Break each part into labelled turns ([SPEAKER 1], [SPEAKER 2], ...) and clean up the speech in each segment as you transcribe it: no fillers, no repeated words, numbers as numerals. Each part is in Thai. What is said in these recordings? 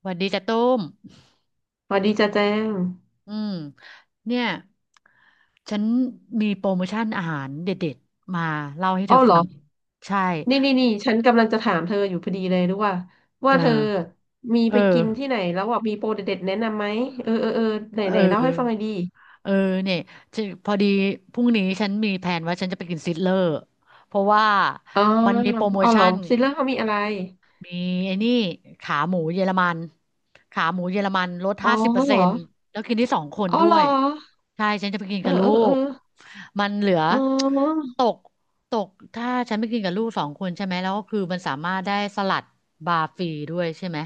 [SPEAKER 1] สวัสดีจ้ะตุ้ม
[SPEAKER 2] สวัสดีจ้าแจ้ง
[SPEAKER 1] อืมเนี่ยฉันมีโปรโมชั่นอาหารเด็ดๆมาเล่าให้เธ
[SPEAKER 2] อ้อ
[SPEAKER 1] อ
[SPEAKER 2] เหร
[SPEAKER 1] ฟั
[SPEAKER 2] อ
[SPEAKER 1] งใช่
[SPEAKER 2] นี่นี่นี่ฉันกำลังจะถามเธออยู่พอดีเลยรู้ว่า
[SPEAKER 1] เอ
[SPEAKER 2] ว่า
[SPEAKER 1] อ
[SPEAKER 2] เธอมี
[SPEAKER 1] เออ
[SPEAKER 2] ไปกินที่ไหนแล้วอ่ะมีโปรเด็ดๆแนะนำไหมเออเออเออไหน
[SPEAKER 1] เ
[SPEAKER 2] ไหนเล่าให้ฟังห
[SPEAKER 1] ออ
[SPEAKER 2] น่อยดี
[SPEAKER 1] เออเนี่ยจะพอดีพรุ่งนี้ฉันมีแผนว่าฉันจะไปกินซิดเลอร์เพราะว่า
[SPEAKER 2] อ๋อ
[SPEAKER 1] มันมีโปรโม
[SPEAKER 2] อ๋อเหร
[SPEAKER 1] ชั่
[SPEAKER 2] อ
[SPEAKER 1] น
[SPEAKER 2] ซิลเลอร์เขามีอะไร
[SPEAKER 1] มีไอ้นี่ขาหมูเยอรมันขาหมูเยอรมันลด
[SPEAKER 2] อ๋อ
[SPEAKER 1] ห้าสิบเปอร์
[SPEAKER 2] เหร
[SPEAKER 1] เซ็
[SPEAKER 2] อ
[SPEAKER 1] นต์แล้วกินที่สองคน
[SPEAKER 2] อ๋อ
[SPEAKER 1] ด้
[SPEAKER 2] เหร
[SPEAKER 1] ว
[SPEAKER 2] อ
[SPEAKER 1] ยใช่ฉันจะไปกิน
[SPEAKER 2] เออ
[SPEAKER 1] กับลู
[SPEAKER 2] เออเออ
[SPEAKER 1] กมันเหลือ
[SPEAKER 2] อ๋อ
[SPEAKER 1] ตกตกถ้าฉันไปกินกับลูกสองคนใช่ไหมแล้วก็คือมันสามารถได้สลัดบาร์ฟรีด้วยใช่ไหม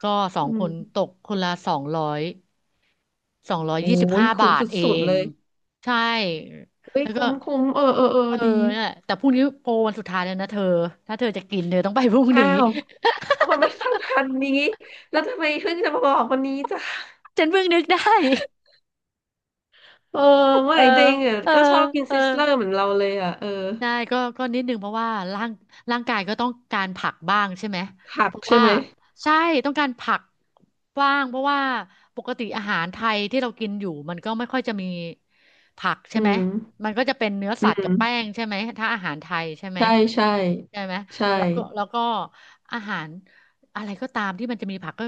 [SPEAKER 1] ก็สอ
[SPEAKER 2] อื
[SPEAKER 1] งค
[SPEAKER 2] ม
[SPEAKER 1] นตกคนละสองร้อยสองร้อย
[SPEAKER 2] โอ้
[SPEAKER 1] ยี่สิบ
[SPEAKER 2] ย
[SPEAKER 1] ห้า
[SPEAKER 2] คุ้ม
[SPEAKER 1] บาทเอ
[SPEAKER 2] สุดๆ
[SPEAKER 1] ง
[SPEAKER 2] เลย
[SPEAKER 1] ใช่
[SPEAKER 2] เฮ้ย
[SPEAKER 1] แล้วก็
[SPEAKER 2] คุ้มคุ้มเออเออเออ
[SPEAKER 1] เออ
[SPEAKER 2] ดี
[SPEAKER 1] เนี่ยแต่พรุ่งนี้โปรวันสุดท้ายแล้วนะเธอถ้าเธอจะกินเธอต้องไปพรุ่ง
[SPEAKER 2] อ้า
[SPEAKER 1] นี้
[SPEAKER 2] วทำไมไม่ทำทันนี้แล้วทำไมเพิ่งจะมาบอกวันนี้จ้ะ
[SPEAKER 1] ฉันเพิ่งนึกได้
[SPEAKER 2] เออว่า
[SPEAKER 1] เออ
[SPEAKER 2] ไอ้เด้งอ่ะ
[SPEAKER 1] เออ
[SPEAKER 2] ก็ชอบกิน
[SPEAKER 1] เออ
[SPEAKER 2] ซิสเลอร์เหมือนเราเลยอ่ะเออ
[SPEAKER 1] ใช่ก็นิดนึงเพราะว่าร่างกายก็ต้องการผักบ้างใช่ไหม
[SPEAKER 2] ผั
[SPEAKER 1] เพ
[SPEAKER 2] ก
[SPEAKER 1] ราะ
[SPEAKER 2] ใช่
[SPEAKER 1] ว่า
[SPEAKER 2] ไหม
[SPEAKER 1] ใช่ ต้องการผักบ้าง เพราะว่าปกติอาหารไทยที่เรากินอยู่มันก็ไม่ค่อยจะมีผักใช่
[SPEAKER 2] อื
[SPEAKER 1] ไหม
[SPEAKER 2] ม
[SPEAKER 1] มันก็จะเป็นเนื้อ
[SPEAKER 2] อื
[SPEAKER 1] สัตว์กั
[SPEAKER 2] ม
[SPEAKER 1] บแป้งใช่ไหมถ้าอาหารไทยใช่ไหม
[SPEAKER 2] ใช่ใช่
[SPEAKER 1] ใช่ไหม
[SPEAKER 2] ใช่
[SPEAKER 1] แล้วก็อาหารอะไรก็ตามที่มันจะมีผัก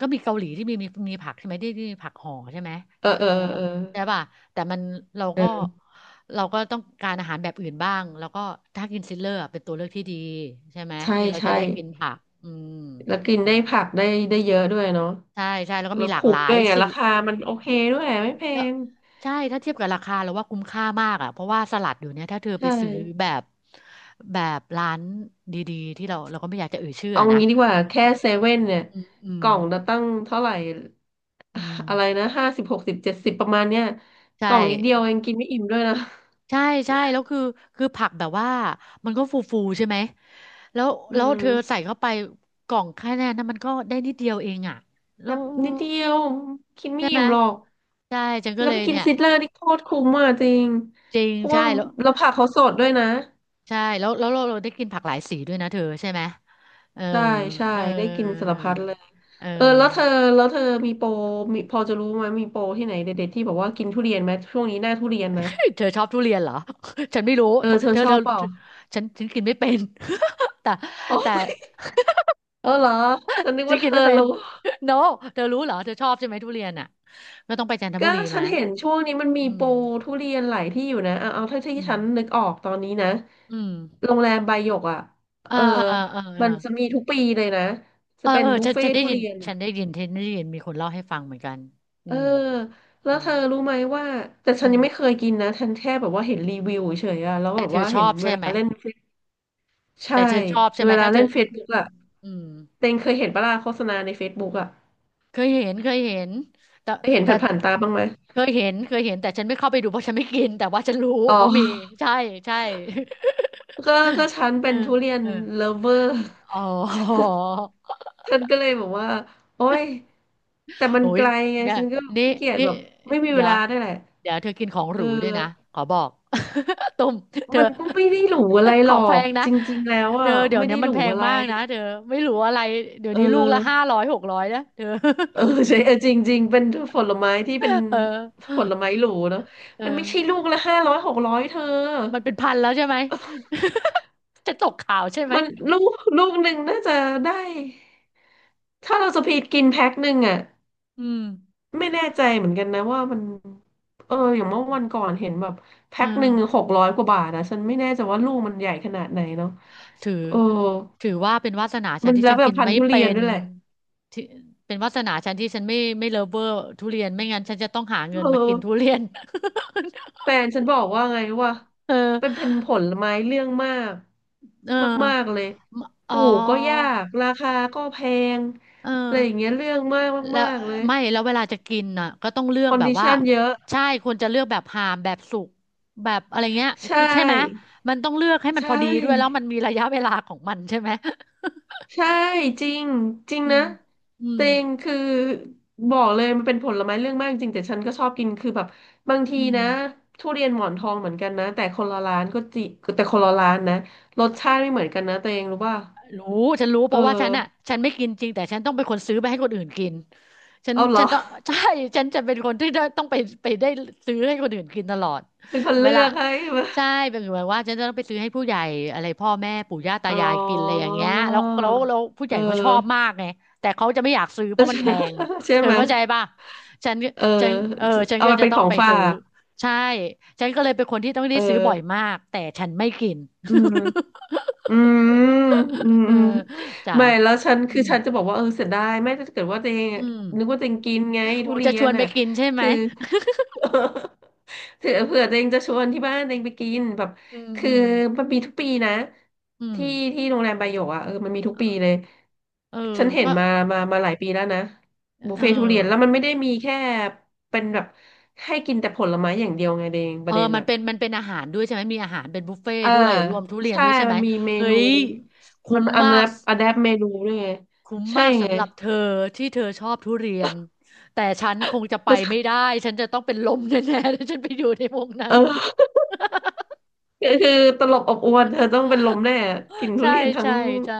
[SPEAKER 1] ก็มีเกาหลีที่มีผักใช่ไหมที่ที่มีผักห่อใช่ไหม
[SPEAKER 2] เออเอ
[SPEAKER 1] เอ
[SPEAKER 2] อ
[SPEAKER 1] อ
[SPEAKER 2] เออ
[SPEAKER 1] ใช่ป่ะ แต่มันเราก็
[SPEAKER 2] เออ
[SPEAKER 1] เราก็ต้องการอาหารแบบอื่นบ้างแล้วก็ถ้ากินซิลเลอร์อะเป็นตัวเลือกที่ดีใช่ไหม
[SPEAKER 2] ใช่
[SPEAKER 1] ที่เราจะ
[SPEAKER 2] ใช่
[SPEAKER 1] ได้กินผักอืม
[SPEAKER 2] แล้วกิน
[SPEAKER 1] นั่น
[SPEAKER 2] ได้
[SPEAKER 1] แหละ
[SPEAKER 2] ผักได้ได้เยอะด้วยเนาะ
[SPEAKER 1] ใช่ใช่แล้วก็
[SPEAKER 2] แล้
[SPEAKER 1] มี
[SPEAKER 2] ว
[SPEAKER 1] หลาก
[SPEAKER 2] คุ้
[SPEAKER 1] ห
[SPEAKER 2] ม
[SPEAKER 1] ลา
[SPEAKER 2] ด้
[SPEAKER 1] ย
[SPEAKER 2] วยไง
[SPEAKER 1] สิ
[SPEAKER 2] ราคามันโอเคด้วยไม่แพ
[SPEAKER 1] แล้ว
[SPEAKER 2] ง
[SPEAKER 1] ใช่ถ้าเทียบกับราคาเราว่าคุ้มค่ามากอ่ะเพราะว่าสลัดอยู่เนี่ยถ้าเธอไป
[SPEAKER 2] ใช่
[SPEAKER 1] ซื้อแบบแบบร้านดีๆที่เราก็ไม่อยากจะเอ่ยชื่อ
[SPEAKER 2] เอา
[SPEAKER 1] อะนะ
[SPEAKER 2] งี้ดีกว่าแค่เซเว่นเนี่ย
[SPEAKER 1] อืมอื
[SPEAKER 2] ก
[SPEAKER 1] ม
[SPEAKER 2] ล่องละตั้งเท่าไหร่
[SPEAKER 1] อื
[SPEAKER 2] อะไร
[SPEAKER 1] ม
[SPEAKER 2] นะ50 60 70ประมาณเนี้ย
[SPEAKER 1] ใช่
[SPEAKER 2] กล่องนิดเดียวเองกินไม่อิ่มด้วยนะ
[SPEAKER 1] ใช่ใช่แล้วคือผักแบบว่ามันก็ฟูฟูใช่ไหมแล้ว
[SPEAKER 2] อื
[SPEAKER 1] แล้วเธอใส่
[SPEAKER 2] ม
[SPEAKER 1] เข้าไปกล่องแค่นั้นนะมันก็ได้นิดเดียวเองอ่ะแล้
[SPEAKER 2] แบ
[SPEAKER 1] ว
[SPEAKER 2] บนิดเดียวกินไม่
[SPEAKER 1] ใช่ไหม
[SPEAKER 2] อิ่มหรอก
[SPEAKER 1] ใช่ฉันก็
[SPEAKER 2] แล้ว
[SPEAKER 1] เล
[SPEAKER 2] ไป
[SPEAKER 1] ย
[SPEAKER 2] กิน
[SPEAKER 1] เนี่ย
[SPEAKER 2] ซิตเลอร์นี่โคตรคุ้มอ่ะจริง
[SPEAKER 1] จริง
[SPEAKER 2] เพราะว่า
[SPEAKER 1] ใช่แล้ว
[SPEAKER 2] เราผักเขาสดด้วยนะ
[SPEAKER 1] ใช่แล้วแล้วเราเราได้กินผักหลายสีด้วยนะเธอใช่ไหมเออ
[SPEAKER 2] ใช่ใช่
[SPEAKER 1] เออ
[SPEAKER 2] ได้กินสารพัดเลย
[SPEAKER 1] เออ
[SPEAKER 2] เออแล้วเธอ แล้วเธอมีโปรมีพอจะรู้ไหมมีโปรที่ไหนเด็ดๆที่บอกว่ากินทุเรียนไหมช่วงนี้หน้าทุเรียนนะ
[SPEAKER 1] เธอชอบทุเรียนเหรอ ฉันไม่รู้
[SPEAKER 2] เออเธอชอบเปล่า
[SPEAKER 1] เธอฉันกินไม่เป็น แต่
[SPEAKER 2] อ๋อ
[SPEAKER 1] แต่
[SPEAKER 2] เออเหรอฉันนึก
[SPEAKER 1] ฉัน
[SPEAKER 2] ว่าเธ
[SPEAKER 1] กิน
[SPEAKER 2] อ
[SPEAKER 1] ไม่เป็น
[SPEAKER 2] รู้
[SPEAKER 1] no เธอรู้เหรอเธอชอบใช่ไหมทุเรียนอ่ะก็ต้องไปจันท
[SPEAKER 2] ก็
[SPEAKER 1] บุรี
[SPEAKER 2] ฉั
[SPEAKER 1] มา
[SPEAKER 2] นเห็นช่วงนี้มันมี
[SPEAKER 1] อื
[SPEAKER 2] โป
[SPEAKER 1] ม
[SPEAKER 2] รทุเรียนหลายที่อยู่นะเอาเอาเท่าที่
[SPEAKER 1] อืม
[SPEAKER 2] ฉันนึกออกตอนนี้นะ
[SPEAKER 1] อืม
[SPEAKER 2] โรงแรมไบหยกอ่ะ
[SPEAKER 1] เออ
[SPEAKER 2] เออ
[SPEAKER 1] เออเออเออ
[SPEAKER 2] มันจะมีทุกปีเลยนะ
[SPEAKER 1] เอ
[SPEAKER 2] จะ
[SPEAKER 1] อ
[SPEAKER 2] เป็น
[SPEAKER 1] เออ
[SPEAKER 2] บุฟเฟ่ทุเรียนอ่ะ
[SPEAKER 1] ฉันได้ยินมีคนเล่าให้ฟังเหมือนกันอื
[SPEAKER 2] เออ
[SPEAKER 1] ม
[SPEAKER 2] แล้
[SPEAKER 1] เอ
[SPEAKER 2] ว
[SPEAKER 1] อ
[SPEAKER 2] เธอรู้ไหมว่า แต่ฉั
[SPEAKER 1] อื
[SPEAKER 2] นยั
[SPEAKER 1] ม
[SPEAKER 2] งไม่เคยกินนะ ฉันแค่แบบว่าเห็นรีวิวเฉยๆอ่ะแล้ว
[SPEAKER 1] แต่
[SPEAKER 2] แบบ
[SPEAKER 1] เธอ
[SPEAKER 2] ว่า
[SPEAKER 1] ช
[SPEAKER 2] เห็
[SPEAKER 1] อ
[SPEAKER 2] น
[SPEAKER 1] บ
[SPEAKER 2] เว
[SPEAKER 1] ใช่
[SPEAKER 2] ลา
[SPEAKER 1] ไหม
[SPEAKER 2] เล่น Face- ใช่
[SPEAKER 1] แต่เธอชอบใช่ไห
[SPEAKER 2] เว
[SPEAKER 1] ม
[SPEAKER 2] ลา
[SPEAKER 1] ถ้าเธ
[SPEAKER 2] เล่
[SPEAKER 1] อ
[SPEAKER 2] นเฟซบุ๊กอ่ะ
[SPEAKER 1] อืม
[SPEAKER 2] เต็งเคยเห็นปะล่ะโฆษณาในเฟซบุ๊กอ่ะ
[SPEAKER 1] เคยเห็นเคยเห็นแต่
[SPEAKER 2] เคยเห็น
[SPEAKER 1] แต่
[SPEAKER 2] ผ่านๆตาบ้างไหม
[SPEAKER 1] เคยเห็นเคยเห็นแต่ฉันไม่เข้าไปดูเพราะฉันไม่กิน แต่ว่าฉันรู้
[SPEAKER 2] อ๋
[SPEAKER 1] ว่ามี
[SPEAKER 2] อ
[SPEAKER 1] ใช่ใช่
[SPEAKER 2] ก็ ก็ฉัน
[SPEAKER 1] เออ
[SPEAKER 2] เป็นทุเรียน
[SPEAKER 1] เออ
[SPEAKER 2] เลิฟเวอร์
[SPEAKER 1] อ๋อ
[SPEAKER 2] ฉันก็เลยบอกว่าโอ๊ยแต่ มัน
[SPEAKER 1] โอ้
[SPEAKER 2] ไก
[SPEAKER 1] ย
[SPEAKER 2] ลไง
[SPEAKER 1] เนี่ย
[SPEAKER 2] ฉันก็
[SPEAKER 1] นี่
[SPEAKER 2] ขี้เกียจ
[SPEAKER 1] นี่
[SPEAKER 2] แบบไม่มีเว
[SPEAKER 1] เดี๋ยว
[SPEAKER 2] ลาด้วยแหละ
[SPEAKER 1] เดี๋ยวเธอกินของห
[SPEAKER 2] เอ
[SPEAKER 1] รูด้วยนะ
[SPEAKER 2] อ
[SPEAKER 1] ขอบอก ตุ้มเธอ
[SPEAKER 2] มันก็ไม่ได้หรูอะไร
[SPEAKER 1] ข
[SPEAKER 2] หร
[SPEAKER 1] อ
[SPEAKER 2] อ
[SPEAKER 1] งแพ
[SPEAKER 2] ก
[SPEAKER 1] งนะ
[SPEAKER 2] จริงๆแล้ว
[SPEAKER 1] เธ
[SPEAKER 2] อ่ะ
[SPEAKER 1] อเดี๋ยว
[SPEAKER 2] ไม่
[SPEAKER 1] นี้
[SPEAKER 2] ได้
[SPEAKER 1] มั
[SPEAKER 2] ห
[SPEAKER 1] น
[SPEAKER 2] รู
[SPEAKER 1] แพง
[SPEAKER 2] อะไร
[SPEAKER 1] มากนะ เธอ ไม่รู้อะไร เดี๋ยว
[SPEAKER 2] เอ
[SPEAKER 1] นี้ลูก
[SPEAKER 2] อ
[SPEAKER 1] ละ500-600นะเธอ
[SPEAKER 2] เออใช่เออจริงๆเป็นผลไม้ที่เป็น
[SPEAKER 1] เอ
[SPEAKER 2] ผ
[SPEAKER 1] อ
[SPEAKER 2] ลไม้หรูเนาะ
[SPEAKER 1] เออ
[SPEAKER 2] มันไม่ใช่ลูกละ500 600เธอ
[SPEAKER 1] มันเป็นพันแล้วใช่ไหม จะตกข่าวใช่ไหม
[SPEAKER 2] มันลูกลูกหนึ่งน่าจะได้ถ้าเราสปีดกินแพ็คหนึ่งอ่ะ
[SPEAKER 1] อืม
[SPEAKER 2] ไม่แน่ใจเหมือนกันนะว่ามันเอออย่างเมื่อวันก่อนเห็นแบบแพ็
[SPEAKER 1] อื
[SPEAKER 2] คหนึ่งห
[SPEAKER 1] ม
[SPEAKER 2] กร้อยกว่าบาทนะฉันไม่แน่ใจว่าลูกมันใหญ่ขนาดไหนเนาะ
[SPEAKER 1] ถือ
[SPEAKER 2] เออ
[SPEAKER 1] ถือว่าเป็นวาสนาฉั
[SPEAKER 2] มั
[SPEAKER 1] น
[SPEAKER 2] น
[SPEAKER 1] ที่
[SPEAKER 2] แล้
[SPEAKER 1] ฉั
[SPEAKER 2] ว
[SPEAKER 1] น
[SPEAKER 2] แบ
[SPEAKER 1] กิ
[SPEAKER 2] บ
[SPEAKER 1] น
[SPEAKER 2] พัน
[SPEAKER 1] ไม่
[SPEAKER 2] ธุ์ทุเรี
[SPEAKER 1] เป็
[SPEAKER 2] ยน
[SPEAKER 1] น
[SPEAKER 2] ด้วยแหละ
[SPEAKER 1] ที่เป็นวาสนาฉันที่ฉันไม่เลิฟเวอร์ทุเรียนไม่งั้นฉันจะต้องหาเงิ
[SPEAKER 2] เ
[SPEAKER 1] นมากินทุ
[SPEAKER 2] ออ
[SPEAKER 1] เรียน
[SPEAKER 2] แฟนฉันบอกว่าไงว่า
[SPEAKER 1] เออ
[SPEAKER 2] เป็นผลไม้เรื่องมาก
[SPEAKER 1] เออ
[SPEAKER 2] มากๆเลย
[SPEAKER 1] ม
[SPEAKER 2] ป
[SPEAKER 1] อ๋อ
[SPEAKER 2] ลูกก็ยากราคาก็แพง
[SPEAKER 1] เออ
[SPEAKER 2] อะไรอย่างเงี้ยเรื่องมาก
[SPEAKER 1] แล้ว
[SPEAKER 2] มากๆเลย
[SPEAKER 1] ไม่แล้วเวลาจะกินน่ะก็ต้องเลือ
[SPEAKER 2] ค
[SPEAKER 1] ก
[SPEAKER 2] อน
[SPEAKER 1] แบบ
[SPEAKER 2] ดิ
[SPEAKER 1] ว่า
[SPEAKER 2] ชันเยอะ
[SPEAKER 1] ใช่ควรจะเลือกแบบหามแบบสุกแบบอะไรเงี้ย
[SPEAKER 2] ใช
[SPEAKER 1] คือใช่ไหม
[SPEAKER 2] ่
[SPEAKER 1] มันต้องเลือกให้มั
[SPEAKER 2] ใช
[SPEAKER 1] นพอดีด้วยแล้ว
[SPEAKER 2] ่
[SPEAKER 1] มันมีระยะเวลาของมันใช่ไหม
[SPEAKER 2] ใช่จริงจริง
[SPEAKER 1] อื
[SPEAKER 2] นะ
[SPEAKER 1] มอื
[SPEAKER 2] เต
[SPEAKER 1] ม
[SPEAKER 2] งคือบอกเลยมันเป็นผลไม้เรื่องมากจริงแต่ฉันก็ชอบกินคือแบบบางที
[SPEAKER 1] อืม
[SPEAKER 2] นะทุเรียนหมอนทองเหมือนกันนะแต่คนละร้านก็จิแต่คนละร้านนะรสชาติไม่เหมือนกันนะตัวเองรู้ป่ะ
[SPEAKER 1] รู้ฉันรู้เพ
[SPEAKER 2] เออ
[SPEAKER 1] ราะว่าฉันอ่ะฉันไม่กินจริงแต่ฉันต้องเป็นคนซื้อไปให้คนอื่นกิน
[SPEAKER 2] เอาเหร
[SPEAKER 1] ฉัน
[SPEAKER 2] อ
[SPEAKER 1] ต้องใช่ฉันจะเป็นคนที่ได้ต้องไปไปได้ซื้อให้คนอื่นกินตลอด
[SPEAKER 2] เป็นคน
[SPEAKER 1] เว
[SPEAKER 2] เลื
[SPEAKER 1] ลา
[SPEAKER 2] อกให้มา
[SPEAKER 1] ใช่เป็นเหมว่าฉันจะต้องไปซื้อให้ผู้ใหญ่อะไรพ่อแม่ปู่ย่าตา
[SPEAKER 2] อ๋อ
[SPEAKER 1] ยายกินอะไรอย่างเงี้ยแล้วผู้ให
[SPEAKER 2] เอ
[SPEAKER 1] ญ่เขาชอ
[SPEAKER 2] อ
[SPEAKER 1] บมากไงแต่เขาจะไม่อยากซื้อเพราะมันแพง
[SPEAKER 2] ใช่
[SPEAKER 1] เธอ
[SPEAKER 2] ไหม
[SPEAKER 1] เข้าใจป่ะฉัน
[SPEAKER 2] เออ
[SPEAKER 1] ฉันเออฉัน
[SPEAKER 2] เอา
[SPEAKER 1] ก็
[SPEAKER 2] ไป
[SPEAKER 1] จะ
[SPEAKER 2] เป็น
[SPEAKER 1] ต้อ
[SPEAKER 2] ข
[SPEAKER 1] ง
[SPEAKER 2] อง
[SPEAKER 1] ไป
[SPEAKER 2] ฝา
[SPEAKER 1] ซื้อ
[SPEAKER 2] ก
[SPEAKER 1] ใช่ฉันก็เลยเป็นคนที่ต้องได้
[SPEAKER 2] เออ
[SPEAKER 1] ซื้อบ่อยมากแต่ฉันไม่กิน
[SPEAKER 2] อืม อืมอืม
[SPEAKER 1] เออ
[SPEAKER 2] อืม
[SPEAKER 1] จ้ะ
[SPEAKER 2] ไม่แล้วฉัน
[SPEAKER 1] อื
[SPEAKER 2] คือ
[SPEAKER 1] ม
[SPEAKER 2] ฉันจะบอกว่าเออเสียดายไม่ถ้าเกิดว่าตัวเอง
[SPEAKER 1] อื
[SPEAKER 2] อะ
[SPEAKER 1] ม
[SPEAKER 2] นึกว่าตัวเองกินไง
[SPEAKER 1] โอ้
[SPEAKER 2] ทุเรี
[SPEAKER 1] จะช
[SPEAKER 2] ย
[SPEAKER 1] ว
[SPEAKER 2] น
[SPEAKER 1] นไป
[SPEAKER 2] น่ะ
[SPEAKER 1] กินใช่ไหม
[SPEAKER 2] คือ เผื่อเผื่อตัวเองจะชวนที่บ้านตัวเองไปกินแบบ
[SPEAKER 1] อืมอื
[SPEAKER 2] คือ
[SPEAKER 1] ม
[SPEAKER 2] มันมีทุกปีนะ
[SPEAKER 1] อืม
[SPEAKER 2] ที่ที่โรงแรมบายโยกอ่ะเออมันมีทุก
[SPEAKER 1] เอ
[SPEAKER 2] ปี
[SPEAKER 1] อ
[SPEAKER 2] เลย
[SPEAKER 1] เออ
[SPEAKER 2] ฉันเห็
[SPEAKER 1] ก็
[SPEAKER 2] นมามาหลายปีแล้วนะบุฟ
[SPEAKER 1] เออ
[SPEAKER 2] เฟ่ทุเรียนแล้วมันไม่ได้มีแค่เป็นแบบให้กินแต่ผลไม้อย่างเดียวไงเดงป
[SPEAKER 1] เออ
[SPEAKER 2] ระเด็นอ่ะ
[SPEAKER 1] มันเป็นอาหารด้วยใช่ไหมมีอาหารเป็นบุฟเฟ่ต์
[SPEAKER 2] อ่า
[SPEAKER 1] ด้วยรวมทุเรียน
[SPEAKER 2] ใช่
[SPEAKER 1] ด้วยใช่ไห
[SPEAKER 2] มั
[SPEAKER 1] ม
[SPEAKER 2] นมีเม
[SPEAKER 1] เฮ้
[SPEAKER 2] นู
[SPEAKER 1] ยคุ้
[SPEAKER 2] มัน
[SPEAKER 1] ม
[SPEAKER 2] อัน
[SPEAKER 1] มา
[SPEAKER 2] แอ
[SPEAKER 1] ก
[SPEAKER 2] ปอะแดปเมนูด้วยไง
[SPEAKER 1] คุ้ม
[SPEAKER 2] ใช่
[SPEAKER 1] มาก
[SPEAKER 2] ไง
[SPEAKER 1] สำหรับเธอที่เธอชอบทุเรียนแต่ฉันคงจะไป ไม่ได้ฉันจะต้องเป็นลมแน่ๆถ้าฉันไปอยู่ในวงนั้น
[SPEAKER 2] เออคือคือตลบอบอวนเธอต้องเป็นลมแน่กินทุ
[SPEAKER 1] ใช่
[SPEAKER 2] เรียนทั้ง
[SPEAKER 1] ใช่ใช่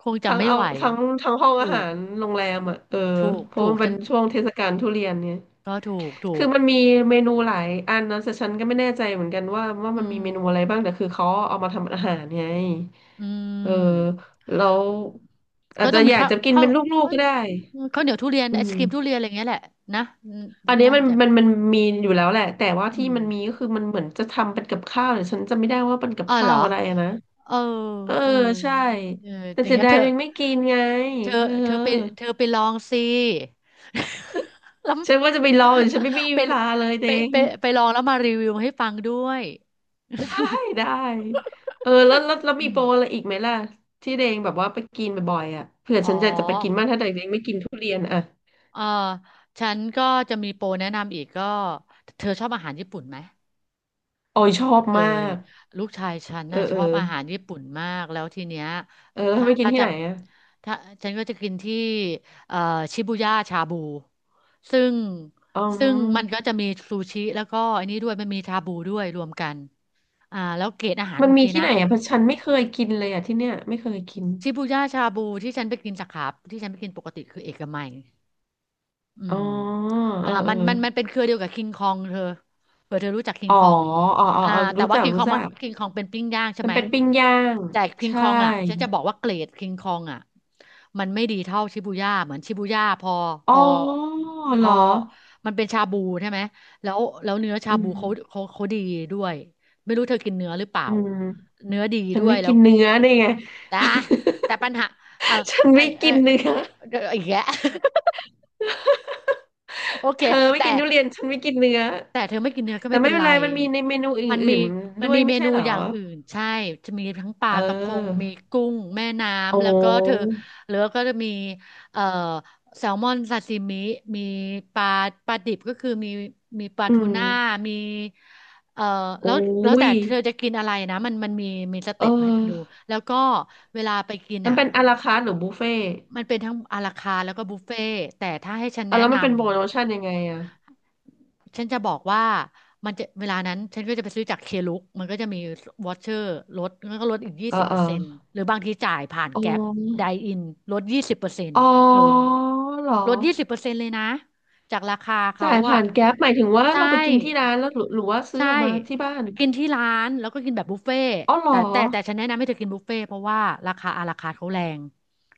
[SPEAKER 1] คงจะ
[SPEAKER 2] ทั้ง
[SPEAKER 1] ไม่
[SPEAKER 2] เอา
[SPEAKER 1] ไหว
[SPEAKER 2] ทั้งทั้งห้อง
[SPEAKER 1] ถู
[SPEAKER 2] อาหา
[SPEAKER 1] ก
[SPEAKER 2] รโรงแรมอ่ะเออ
[SPEAKER 1] ถูก
[SPEAKER 2] เพราะ
[SPEAKER 1] ถู
[SPEAKER 2] มั
[SPEAKER 1] ก
[SPEAKER 2] นเป็
[SPEAKER 1] ฉั
[SPEAKER 2] น
[SPEAKER 1] น
[SPEAKER 2] ช่วงเทศกาลทุเรียนเนี่ย
[SPEAKER 1] ก็ถูกถู
[SPEAKER 2] คือ
[SPEAKER 1] ก
[SPEAKER 2] มันมีเมนูหลายอันนะแต่ฉันก็ไม่แน่ใจเหมือนกันว่า
[SPEAKER 1] อื
[SPEAKER 2] มันมี
[SPEAKER 1] ม
[SPEAKER 2] เมนูอะไรบ้างแต่คือเขาเอามาทำอาหารไง
[SPEAKER 1] อื
[SPEAKER 2] เออ
[SPEAKER 1] ม
[SPEAKER 2] แล้วอา
[SPEAKER 1] ก็
[SPEAKER 2] จ
[SPEAKER 1] ต้
[SPEAKER 2] จะ
[SPEAKER 1] องมี
[SPEAKER 2] อยากจะกินเป็นลูก
[SPEAKER 1] ข้า
[SPEAKER 2] ๆ
[SPEAKER 1] ว
[SPEAKER 2] ก็ได้
[SPEAKER 1] ข้าวเหนียวทุเรียน
[SPEAKER 2] อื
[SPEAKER 1] ไอศกรีมทุ
[SPEAKER 2] ม
[SPEAKER 1] เรียนอะไรอย่างเงี้ยแหละนะอืม
[SPEAKER 2] อันนี้
[SPEAKER 1] น่า
[SPEAKER 2] มัน
[SPEAKER 1] จะ
[SPEAKER 2] มันมีอยู่แล้วแหละแต่ว่า
[SPEAKER 1] อื
[SPEAKER 2] ที่
[SPEAKER 1] ม
[SPEAKER 2] มันมีก็คือมันเหมือนจะทำเป็นกับข้าวแต่ฉันจำไม่ได้ว่าเป็นกับ
[SPEAKER 1] อ๋อเหร
[SPEAKER 2] ข้า
[SPEAKER 1] อ
[SPEAKER 2] วอะไรอะนะ
[SPEAKER 1] เออ
[SPEAKER 2] เออ
[SPEAKER 1] เออ
[SPEAKER 2] ใช่
[SPEAKER 1] เออ
[SPEAKER 2] แต่
[SPEAKER 1] อย่าง
[SPEAKER 2] เสีย
[SPEAKER 1] เงี้ย
[SPEAKER 2] ดายยังไม่กินไง
[SPEAKER 1] เธอ
[SPEAKER 2] เออ
[SPEAKER 1] เธอไปเธอไปลองสิ แล้ว
[SPEAKER 2] ฉันว่าจะไปรออยู่ฉันไม่มี
[SPEAKER 1] ไป
[SPEAKER 2] เวลาเลยเด
[SPEAKER 1] ไป
[SPEAKER 2] ง
[SPEAKER 1] ไปไปลองแล้วมารีวิวให้ฟังด้วย
[SPEAKER 2] ได้ได้เออแล้วแล้ว แล้วมี
[SPEAKER 1] อื
[SPEAKER 2] โป
[SPEAKER 1] ม
[SPEAKER 2] รอะไรอีกไหมล่ะที่เดงแบบว่าไปกินบ่อยๆอ่ะเผื่อ
[SPEAKER 1] อ๋อ
[SPEAKER 2] ฉันจะไปกินบ้างถ้าเดงไม่กินทุเรียนอ่ะ
[SPEAKER 1] เออฉันก็จะมีโปรแนะนำอีกก็เธอชอบอาหารญี่ปุ่นไหม
[SPEAKER 2] ออยชอบ
[SPEAKER 1] เค
[SPEAKER 2] มา
[SPEAKER 1] ย
[SPEAKER 2] ก
[SPEAKER 1] ลูกชายฉัน
[SPEAKER 2] เออ
[SPEAKER 1] น่ะช
[SPEAKER 2] เออ
[SPEAKER 1] อบอาหารญี่ปุ่นมากแล้วทีเนี้ย
[SPEAKER 2] เออแล้ว
[SPEAKER 1] ถ้า
[SPEAKER 2] ไปกินที่
[SPEAKER 1] จะ
[SPEAKER 2] ไหนอ่ะ
[SPEAKER 1] ถ้าฉันก็จะกินที่เอ่อชิบูย่าชาบูซึ่ง
[SPEAKER 2] อ๋อ
[SPEAKER 1] ซึ่งมันก็จะมีซูชิแล้วก็อันนี้ด้วยมันมีชาบูด้วยรวมกันอ่าแล้วเกรดอาหาร
[SPEAKER 2] มั
[SPEAKER 1] โอ
[SPEAKER 2] น
[SPEAKER 1] เค
[SPEAKER 2] มีที่
[SPEAKER 1] นะ
[SPEAKER 2] ไหนอ่ะเพราะฉันไม่เคยกินเลยอ่ะที่เนี่ยไม่เคยกิน
[SPEAKER 1] ชิบูย่าชาบูที่ฉันไปกินสาขาที่ฉันไปกินปกติคือเอกมัย อื
[SPEAKER 2] อ๋อ
[SPEAKER 1] มอ่า
[SPEAKER 2] เออเอ
[SPEAKER 1] มั
[SPEAKER 2] อ
[SPEAKER 1] นมันมันเป็นเครือเดียวกับคิงคองเธอเผื่อเธอรู้จักคิง
[SPEAKER 2] อ๋อ
[SPEAKER 1] คอง
[SPEAKER 2] อ๋อ
[SPEAKER 1] อ่า
[SPEAKER 2] เออ
[SPEAKER 1] แต่
[SPEAKER 2] รู้
[SPEAKER 1] ว่า
[SPEAKER 2] จักรู้จัก
[SPEAKER 1] คิงคองเป็นปิ้งย่างใช่
[SPEAKER 2] มัน
[SPEAKER 1] ไหม
[SPEAKER 2] เป็นปิ้งย่าง
[SPEAKER 1] แต่คิงค
[SPEAKER 2] ใช่
[SPEAKER 1] องอ่ะฉันจะบอกว่าเกรดคิงคองอ่ะมันไม่ดีเท่าชิบูย่าเหมือนชิบูย่าพ
[SPEAKER 2] อ๋อ
[SPEAKER 1] อพ
[SPEAKER 2] เหร
[SPEAKER 1] อ
[SPEAKER 2] อ
[SPEAKER 1] มันเป็นชาบูใช่ไหมแล้วเนื้อชา
[SPEAKER 2] อื
[SPEAKER 1] บู
[SPEAKER 2] ม
[SPEAKER 1] เขาดีด้วยไม่รู้เธอกินเนื้อหรือเปล่า
[SPEAKER 2] อืม
[SPEAKER 1] เนื้อดี
[SPEAKER 2] ฉัน
[SPEAKER 1] ด้วย
[SPEAKER 2] ไม่
[SPEAKER 1] แล้
[SPEAKER 2] กิ
[SPEAKER 1] ว
[SPEAKER 2] นเนื้อได้ไง
[SPEAKER 1] แต่แต่ปัญหาเออ
[SPEAKER 2] ฉัน
[SPEAKER 1] เออ
[SPEAKER 2] ไม่
[SPEAKER 1] เออ
[SPEAKER 2] กินเนื้อ
[SPEAKER 1] เดี๋ยวอีกแยะ โอเค
[SPEAKER 2] เธอไม่
[SPEAKER 1] แต่
[SPEAKER 2] กินทุเรียนฉันไม่กินเนื้อ
[SPEAKER 1] แต่เธอไม่กินเนื้อก็
[SPEAKER 2] แต่
[SPEAKER 1] ไม่
[SPEAKER 2] ไม่
[SPEAKER 1] เป็น
[SPEAKER 2] เป็
[SPEAKER 1] ไร
[SPEAKER 2] นไรมันมีในเมนูอ
[SPEAKER 1] มันมี
[SPEAKER 2] ื่นๆ
[SPEAKER 1] มัน
[SPEAKER 2] ด้วย
[SPEAKER 1] มี
[SPEAKER 2] ไม่
[SPEAKER 1] เม
[SPEAKER 2] ใช่
[SPEAKER 1] นู
[SPEAKER 2] เหรอ
[SPEAKER 1] อย่างอื่นใช่จะมีทั้งปลา
[SPEAKER 2] เ
[SPEAKER 1] กระพง
[SPEAKER 2] ออ
[SPEAKER 1] มีกุ้งแม่
[SPEAKER 2] อ๋
[SPEAKER 1] น้ำแล้วก็เธอ
[SPEAKER 2] อ
[SPEAKER 1] หลือก็จะมีเอ่อแซลมอนซาซิมิมีปลาปลาดิบก็คือมีมีปลา
[SPEAKER 2] อื
[SPEAKER 1] ทู
[SPEAKER 2] ม
[SPEAKER 1] น่ามีเอ่อ
[SPEAKER 2] โอ้
[SPEAKER 1] แล้วแล้วแต่
[SPEAKER 2] ย
[SPEAKER 1] เธอจะกินอะไรนะมันมีส
[SPEAKER 2] เอ
[SPEAKER 1] เต็ปให้ดู
[SPEAKER 2] อ
[SPEAKER 1] แล้วก็เวลาไปกิน
[SPEAKER 2] มัน
[SPEAKER 1] อ่ะ
[SPEAKER 2] เป็นอะลาคาร์ทหรือบุฟเฟ่ต์
[SPEAKER 1] มันเป็นทั้งอาราคาร์ทแล้วก็บุฟเฟ่ต์แต่ถ้าให้ฉัน
[SPEAKER 2] อ่ะ
[SPEAKER 1] แนะ
[SPEAKER 2] แล้วมัน
[SPEAKER 1] นำ
[SPEAKER 2] เป็นโปรโมชั่นยังไงอ่ะ
[SPEAKER 1] ฉันจะบอกว่ามันจะเวลานั้นฉันก็จะไปซื้อจากเคลุกมันก็จะมีวอเชอร์ลดแล้วก็ลดอีกยี่
[SPEAKER 2] เอ่
[SPEAKER 1] สิบเปอร์เซ็นต์
[SPEAKER 2] อ
[SPEAKER 1] หรือบางทีจ่ายผ่าน
[SPEAKER 2] ออ๋
[SPEAKER 1] แก๊ปได
[SPEAKER 2] อ
[SPEAKER 1] อินลดยี่สิบเปอร์เซ็นต์
[SPEAKER 2] อ๋อ
[SPEAKER 1] เธอ
[SPEAKER 2] เหรอ
[SPEAKER 1] ลดยี่สิบเปอร์เซ็นต์เลยนะจากราคาเขา
[SPEAKER 2] จ่าย
[SPEAKER 1] อะ
[SPEAKER 2] ผ่านแก๊ปหมายถึงว่า
[SPEAKER 1] ใช่
[SPEAKER 2] เราไปกินที่ร้านแล้วหรือว่าซื้อ
[SPEAKER 1] ใช่
[SPEAKER 2] ออกมาที่บ้าน
[SPEAKER 1] กินที่ร้านแล้วก็กินแบบบุฟเฟ่ต์
[SPEAKER 2] อ๋อเหรอ
[SPEAKER 1] แต่ฉันแนะนำให้เธอกินบุฟเฟ่ต์เพราะว่าราคาอาราคาร์ทเขาแรง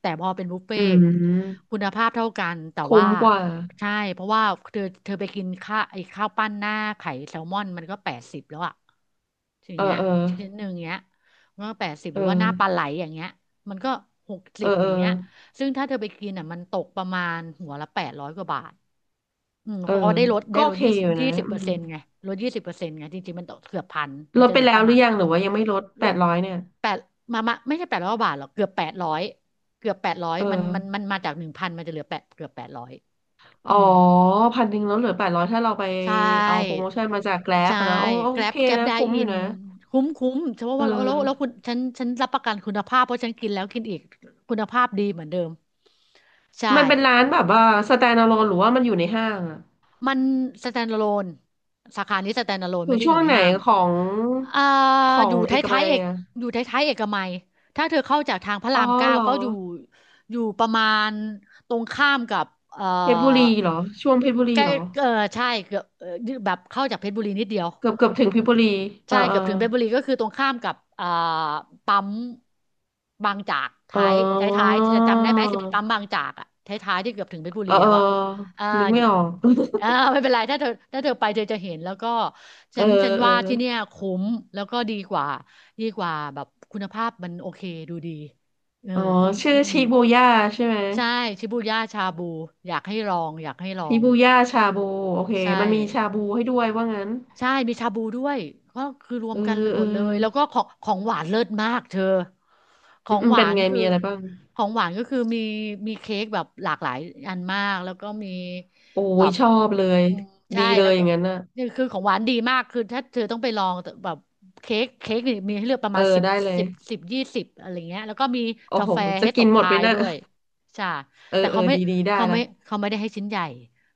[SPEAKER 1] แต่พอเป็นบุฟเฟ่
[SPEAKER 2] อื
[SPEAKER 1] ต์
[SPEAKER 2] ม
[SPEAKER 1] คุณภาพเท่ากันแต่
[SPEAKER 2] คุ้
[SPEAKER 1] ว่า
[SPEAKER 2] มกว่า
[SPEAKER 1] ใช่เพราะว่าเธอไปกินข้าวปั้นหน้าไข่แซลมอนมันก็แปดสิบแล้วอะอย่าง
[SPEAKER 2] เออ
[SPEAKER 1] เงี้ย
[SPEAKER 2] เออ
[SPEAKER 1] ชิ้นหนึ่งเงี้ยมันก็แปดสิบห
[SPEAKER 2] เอ
[SPEAKER 1] รือว่าห
[SPEAKER 2] อ
[SPEAKER 1] น้าปลาไหลอย่างเงี้ยมันก็หก
[SPEAKER 2] เอ
[SPEAKER 1] สิ
[SPEAKER 2] อ
[SPEAKER 1] บ
[SPEAKER 2] เอ
[SPEAKER 1] อ
[SPEAKER 2] อ
[SPEAKER 1] ย่างเงี้ย ซึ่งถ้าเธอไปกินอ่ะมันตกประมาณหัวละแปดร้อยกว่าบาทอืม
[SPEAKER 2] เอ
[SPEAKER 1] เพ
[SPEAKER 2] อ
[SPEAKER 1] ราะว่าได้ลดได้
[SPEAKER 2] ก็โอ
[SPEAKER 1] ลด
[SPEAKER 2] เคอยู่
[SPEAKER 1] ยี่
[SPEAKER 2] นะ
[SPEAKER 1] สิบ
[SPEAKER 2] อื
[SPEAKER 1] เปอร์
[SPEAKER 2] ม
[SPEAKER 1] เซ็นต์ไงลดยี่สิบเปอร์เซ็นต์ไงจริงๆมันตกเกือบพันมั
[SPEAKER 2] ล
[SPEAKER 1] น
[SPEAKER 2] ด
[SPEAKER 1] จะเห
[SPEAKER 2] ไป
[SPEAKER 1] ลือ
[SPEAKER 2] แล้
[SPEAKER 1] ป
[SPEAKER 2] ว
[SPEAKER 1] ระ
[SPEAKER 2] หรื
[SPEAKER 1] มา
[SPEAKER 2] อ
[SPEAKER 1] ณ
[SPEAKER 2] ยังหรือว่ายังไม่ลดแป
[SPEAKER 1] ลด
[SPEAKER 2] ดร้อยเนี่ย
[SPEAKER 1] แปดมามาไม่ใช่แปดร้อยบาทหรอกเกือบแปดร้อยเกือบแปดร้อย
[SPEAKER 2] เออ
[SPEAKER 1] มันมาจาก1,000มันจะเหลือแปดเกือบแปดร้อย
[SPEAKER 2] อ๋อ
[SPEAKER 1] อืม
[SPEAKER 2] พันหนึ่งลดเหลือแปดร้อยถ้าเราไป
[SPEAKER 1] ใช
[SPEAKER 2] เอาโปร
[SPEAKER 1] ่
[SPEAKER 2] โมชั่นมาจากแกร็บ
[SPEAKER 1] ใช่
[SPEAKER 2] นะโอ้โอ
[SPEAKER 1] แกร็
[SPEAKER 2] เค
[SPEAKER 1] บแกร็บ
[SPEAKER 2] นะ
[SPEAKER 1] ได
[SPEAKER 2] คุ้ม
[SPEAKER 1] อิ
[SPEAKER 2] อยู่
[SPEAKER 1] น
[SPEAKER 2] นะ
[SPEAKER 1] คุ้มคุ้มเพราะ
[SPEAKER 2] เอ
[SPEAKER 1] ว่าแล้ว
[SPEAKER 2] อ
[SPEAKER 1] ฉันรับประกันคุณภาพเพราะฉันกินแล้วกินอีกคุณภาพดีเหมือนเดิมใช่
[SPEAKER 2] มันเป็นร้านแบบว่า standalone หรือว่ามันอยู่ในห้างอะ
[SPEAKER 1] มัน standalone สาขานี้ standalone
[SPEAKER 2] อ
[SPEAKER 1] ไม่
[SPEAKER 2] ยู่
[SPEAKER 1] ได้อ
[SPEAKER 2] ช่ว
[SPEAKER 1] ยู่
[SPEAKER 2] ง
[SPEAKER 1] ใน
[SPEAKER 2] ไหน
[SPEAKER 1] ห้าง
[SPEAKER 2] ของ
[SPEAKER 1] อ่า
[SPEAKER 2] ขอ
[SPEAKER 1] อ
[SPEAKER 2] ง
[SPEAKER 1] ยู่ท
[SPEAKER 2] เอก
[SPEAKER 1] ้า
[SPEAKER 2] มั
[SPEAKER 1] ยๆ
[SPEAKER 2] ย
[SPEAKER 1] เอก
[SPEAKER 2] อะ
[SPEAKER 1] อยู่ท้ายๆเอกมัยถ้าเธอเข้าจากทางพระ
[SPEAKER 2] อ๋
[SPEAKER 1] รา
[SPEAKER 2] อ
[SPEAKER 1] มเก้า
[SPEAKER 2] เหรอ
[SPEAKER 1] ก็อยู่อยู่ประมาณตรงข้ามกับเอ่อ
[SPEAKER 2] เพชรบุรีเหรอช่วงเพชรบุ
[SPEAKER 1] ใก
[SPEAKER 2] รี
[SPEAKER 1] ล้
[SPEAKER 2] เหรอ
[SPEAKER 1] เออใช่เกือบเอ่อแบบเข้าจากเพชรบุรีนิดเดียว
[SPEAKER 2] เกือบถึงเพชรบุรีเอ
[SPEAKER 1] ใช่
[SPEAKER 2] อเอ
[SPEAKER 1] เกื
[SPEAKER 2] อ
[SPEAKER 1] อบถึงเพชรบุรีก็คือตรงข้ามกับอ่าปั๊มบางจาก
[SPEAKER 2] อ๋
[SPEAKER 1] ท้ายท้าย
[SPEAKER 2] อ
[SPEAKER 1] ท้ายจะจำได้ไหมจะมีปั๊มบางจากอะท้ายท้ายที่เกือบถึงเพชรบุ
[SPEAKER 2] เอ
[SPEAKER 1] รี
[SPEAKER 2] อเอ
[SPEAKER 1] แล้
[SPEAKER 2] อ
[SPEAKER 1] วอะอ่า
[SPEAKER 2] นึก
[SPEAKER 1] อ
[SPEAKER 2] ไม่
[SPEAKER 1] ยู่
[SPEAKER 2] ออก
[SPEAKER 1] อ่าไม่เป็นไรถ้าเธอไปเธอจะเห็นแล้วก็
[SPEAKER 2] เอ
[SPEAKER 1] ฉั
[SPEAKER 2] อ
[SPEAKER 1] นฉัน
[SPEAKER 2] เออ
[SPEAKER 1] ว่าที่เนี่ยคุ้มแล้วก็ดีกว่าดีกว่าแบบคุณภาพมันโอเคดูดีเออ
[SPEAKER 2] อ๋อ
[SPEAKER 1] คุ้ม
[SPEAKER 2] ชื่อ
[SPEAKER 1] อืม
[SPEAKER 2] ชิบูย่าใช่ไหม
[SPEAKER 1] ใช่ชิบูย่าชาบูอยากให้ลองอยากให้ลอ
[SPEAKER 2] ชิ
[SPEAKER 1] ง
[SPEAKER 2] บูย่าชาบูโอเค
[SPEAKER 1] ใช่
[SPEAKER 2] มันมีชาบูให้ด้วยว่างั้น
[SPEAKER 1] ใช่มีชาบูด้วยก็คือรว
[SPEAKER 2] เอ
[SPEAKER 1] ม
[SPEAKER 2] อ
[SPEAKER 1] กันห
[SPEAKER 2] เอ
[SPEAKER 1] ม
[SPEAKER 2] อ
[SPEAKER 1] ดเลยแล้วก็ของของหวานเลิศมากเธอข
[SPEAKER 2] อื
[SPEAKER 1] อ
[SPEAKER 2] ม
[SPEAKER 1] ง
[SPEAKER 2] อืม
[SPEAKER 1] หวา
[SPEAKER 2] เป็น
[SPEAKER 1] น
[SPEAKER 2] ไง
[SPEAKER 1] คือ
[SPEAKER 2] มีอะไรบ้าง
[SPEAKER 1] ของหวานก็คือมีมีเค้กแบบหลากหลายอันมากแล้วก็มี
[SPEAKER 2] โอ้
[SPEAKER 1] แบ
[SPEAKER 2] ย
[SPEAKER 1] บ
[SPEAKER 2] ชอบเลย
[SPEAKER 1] อืมใช่
[SPEAKER 2] ดีเล
[SPEAKER 1] แล้
[SPEAKER 2] ย
[SPEAKER 1] ว
[SPEAKER 2] อ
[SPEAKER 1] ก็
[SPEAKER 2] ย่างนั้นน่ะ
[SPEAKER 1] นี่คือของหวานดีมากคือถ้าเธอต้องไปลองแต่แบบเค้กนี่มีให้เลือกประ
[SPEAKER 2] เออ
[SPEAKER 1] มาณสิบ
[SPEAKER 2] ได้เลย
[SPEAKER 1] สิบสิบยี่สิบอะไรเงี้ยแล้วก็มี
[SPEAKER 2] โอ้
[SPEAKER 1] กา
[SPEAKER 2] โห
[SPEAKER 1] แฟ
[SPEAKER 2] จะ
[SPEAKER 1] ให้ต
[SPEAKER 2] กิน
[SPEAKER 1] บ
[SPEAKER 2] หมด
[SPEAKER 1] ท้า
[SPEAKER 2] ไหม
[SPEAKER 1] ย
[SPEAKER 2] นะ
[SPEAKER 1] ด้วยใช่
[SPEAKER 2] เออ
[SPEAKER 1] แต่
[SPEAKER 2] เอ
[SPEAKER 1] เขา
[SPEAKER 2] อ
[SPEAKER 1] ไม่
[SPEAKER 2] ดีดีได้
[SPEAKER 1] เขา
[SPEAKER 2] ละ
[SPEAKER 1] ไม่เขาไม่ได้ให้ชิ้นใหญ่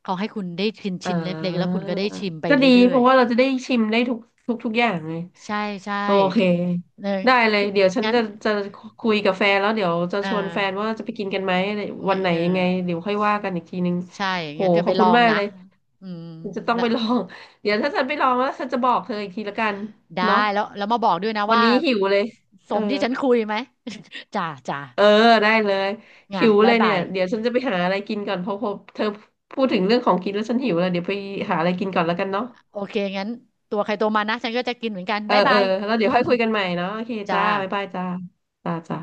[SPEAKER 1] เขาให้คุณได้ชิม
[SPEAKER 2] อ่
[SPEAKER 1] ชิมเล็กๆแล้วคุ
[SPEAKER 2] า
[SPEAKER 1] ณก็ได้ชิมไป
[SPEAKER 2] ก็ดี
[SPEAKER 1] เรื่
[SPEAKER 2] เพ
[SPEAKER 1] อย
[SPEAKER 2] ราะว่าเราจะได้ชิมได้ทุกอย่างไง
[SPEAKER 1] ใช่ใช่
[SPEAKER 2] โอเค
[SPEAKER 1] เออ
[SPEAKER 2] ได้เลยเดี๋ยวฉัน
[SPEAKER 1] งั้น
[SPEAKER 2] จะคุยกับแฟนแล้วเดี๋ยวจะ
[SPEAKER 1] เออ
[SPEAKER 2] ชวนแฟนว่าจะไปกินกันไหมอะไรวั
[SPEAKER 1] งั้
[SPEAKER 2] น
[SPEAKER 1] น
[SPEAKER 2] ไหน
[SPEAKER 1] เออ
[SPEAKER 2] ยังไงเดี๋ยวค่อยว่ากันอีกทีนึง
[SPEAKER 1] ใช่
[SPEAKER 2] โห
[SPEAKER 1] งั้นเธอ
[SPEAKER 2] ข
[SPEAKER 1] ไป
[SPEAKER 2] อบ
[SPEAKER 1] ล
[SPEAKER 2] คุ
[SPEAKER 1] อ
[SPEAKER 2] ณ
[SPEAKER 1] ง
[SPEAKER 2] มาก
[SPEAKER 1] นะ
[SPEAKER 2] เลย
[SPEAKER 1] อืม
[SPEAKER 2] ฉันจะต้อง
[SPEAKER 1] แล้ว
[SPEAKER 2] ไปลองเดี๋ยวถ้าฉันไปลองแล้วฉันจะบอกเธออีกทีละกัน
[SPEAKER 1] ได้
[SPEAKER 2] เนาะ
[SPEAKER 1] แล้วมาบอกด้วยนะ
[SPEAKER 2] วัน
[SPEAKER 1] ว่า
[SPEAKER 2] นี้หิวเลย
[SPEAKER 1] ส
[SPEAKER 2] เอ
[SPEAKER 1] ม
[SPEAKER 2] อ
[SPEAKER 1] ที่ฉันคุยไหม จ้าจ้า
[SPEAKER 2] เออได้เลย
[SPEAKER 1] ไง
[SPEAKER 2] หิว
[SPEAKER 1] บ๊า
[SPEAKER 2] เล
[SPEAKER 1] ย
[SPEAKER 2] ย
[SPEAKER 1] บา
[SPEAKER 2] เนี่ย
[SPEAKER 1] ย
[SPEAKER 2] เดี๋ยวฉันจะไปหาอะไรกินก่อนเพราะพอเธอพูดถึงเรื่องของกินแล้วฉันหิวเลยเดี๋ยวไปหาอะไรกินก่อนแล้วกันเนาะ
[SPEAKER 1] โอเคงั้นตัวใครตัวมันนะฉันก็จะกินเหมือนกัน
[SPEAKER 2] เออ
[SPEAKER 1] บ๊าย
[SPEAKER 2] เอ
[SPEAKER 1] บา
[SPEAKER 2] อ
[SPEAKER 1] ย
[SPEAKER 2] แล้วเดี๋ยวค่อยคุยกันใหม่เนาะโอเค
[SPEAKER 1] จ้า
[SPEAKER 2] จ้าบ๊ายบายจ้าจ้าจ้า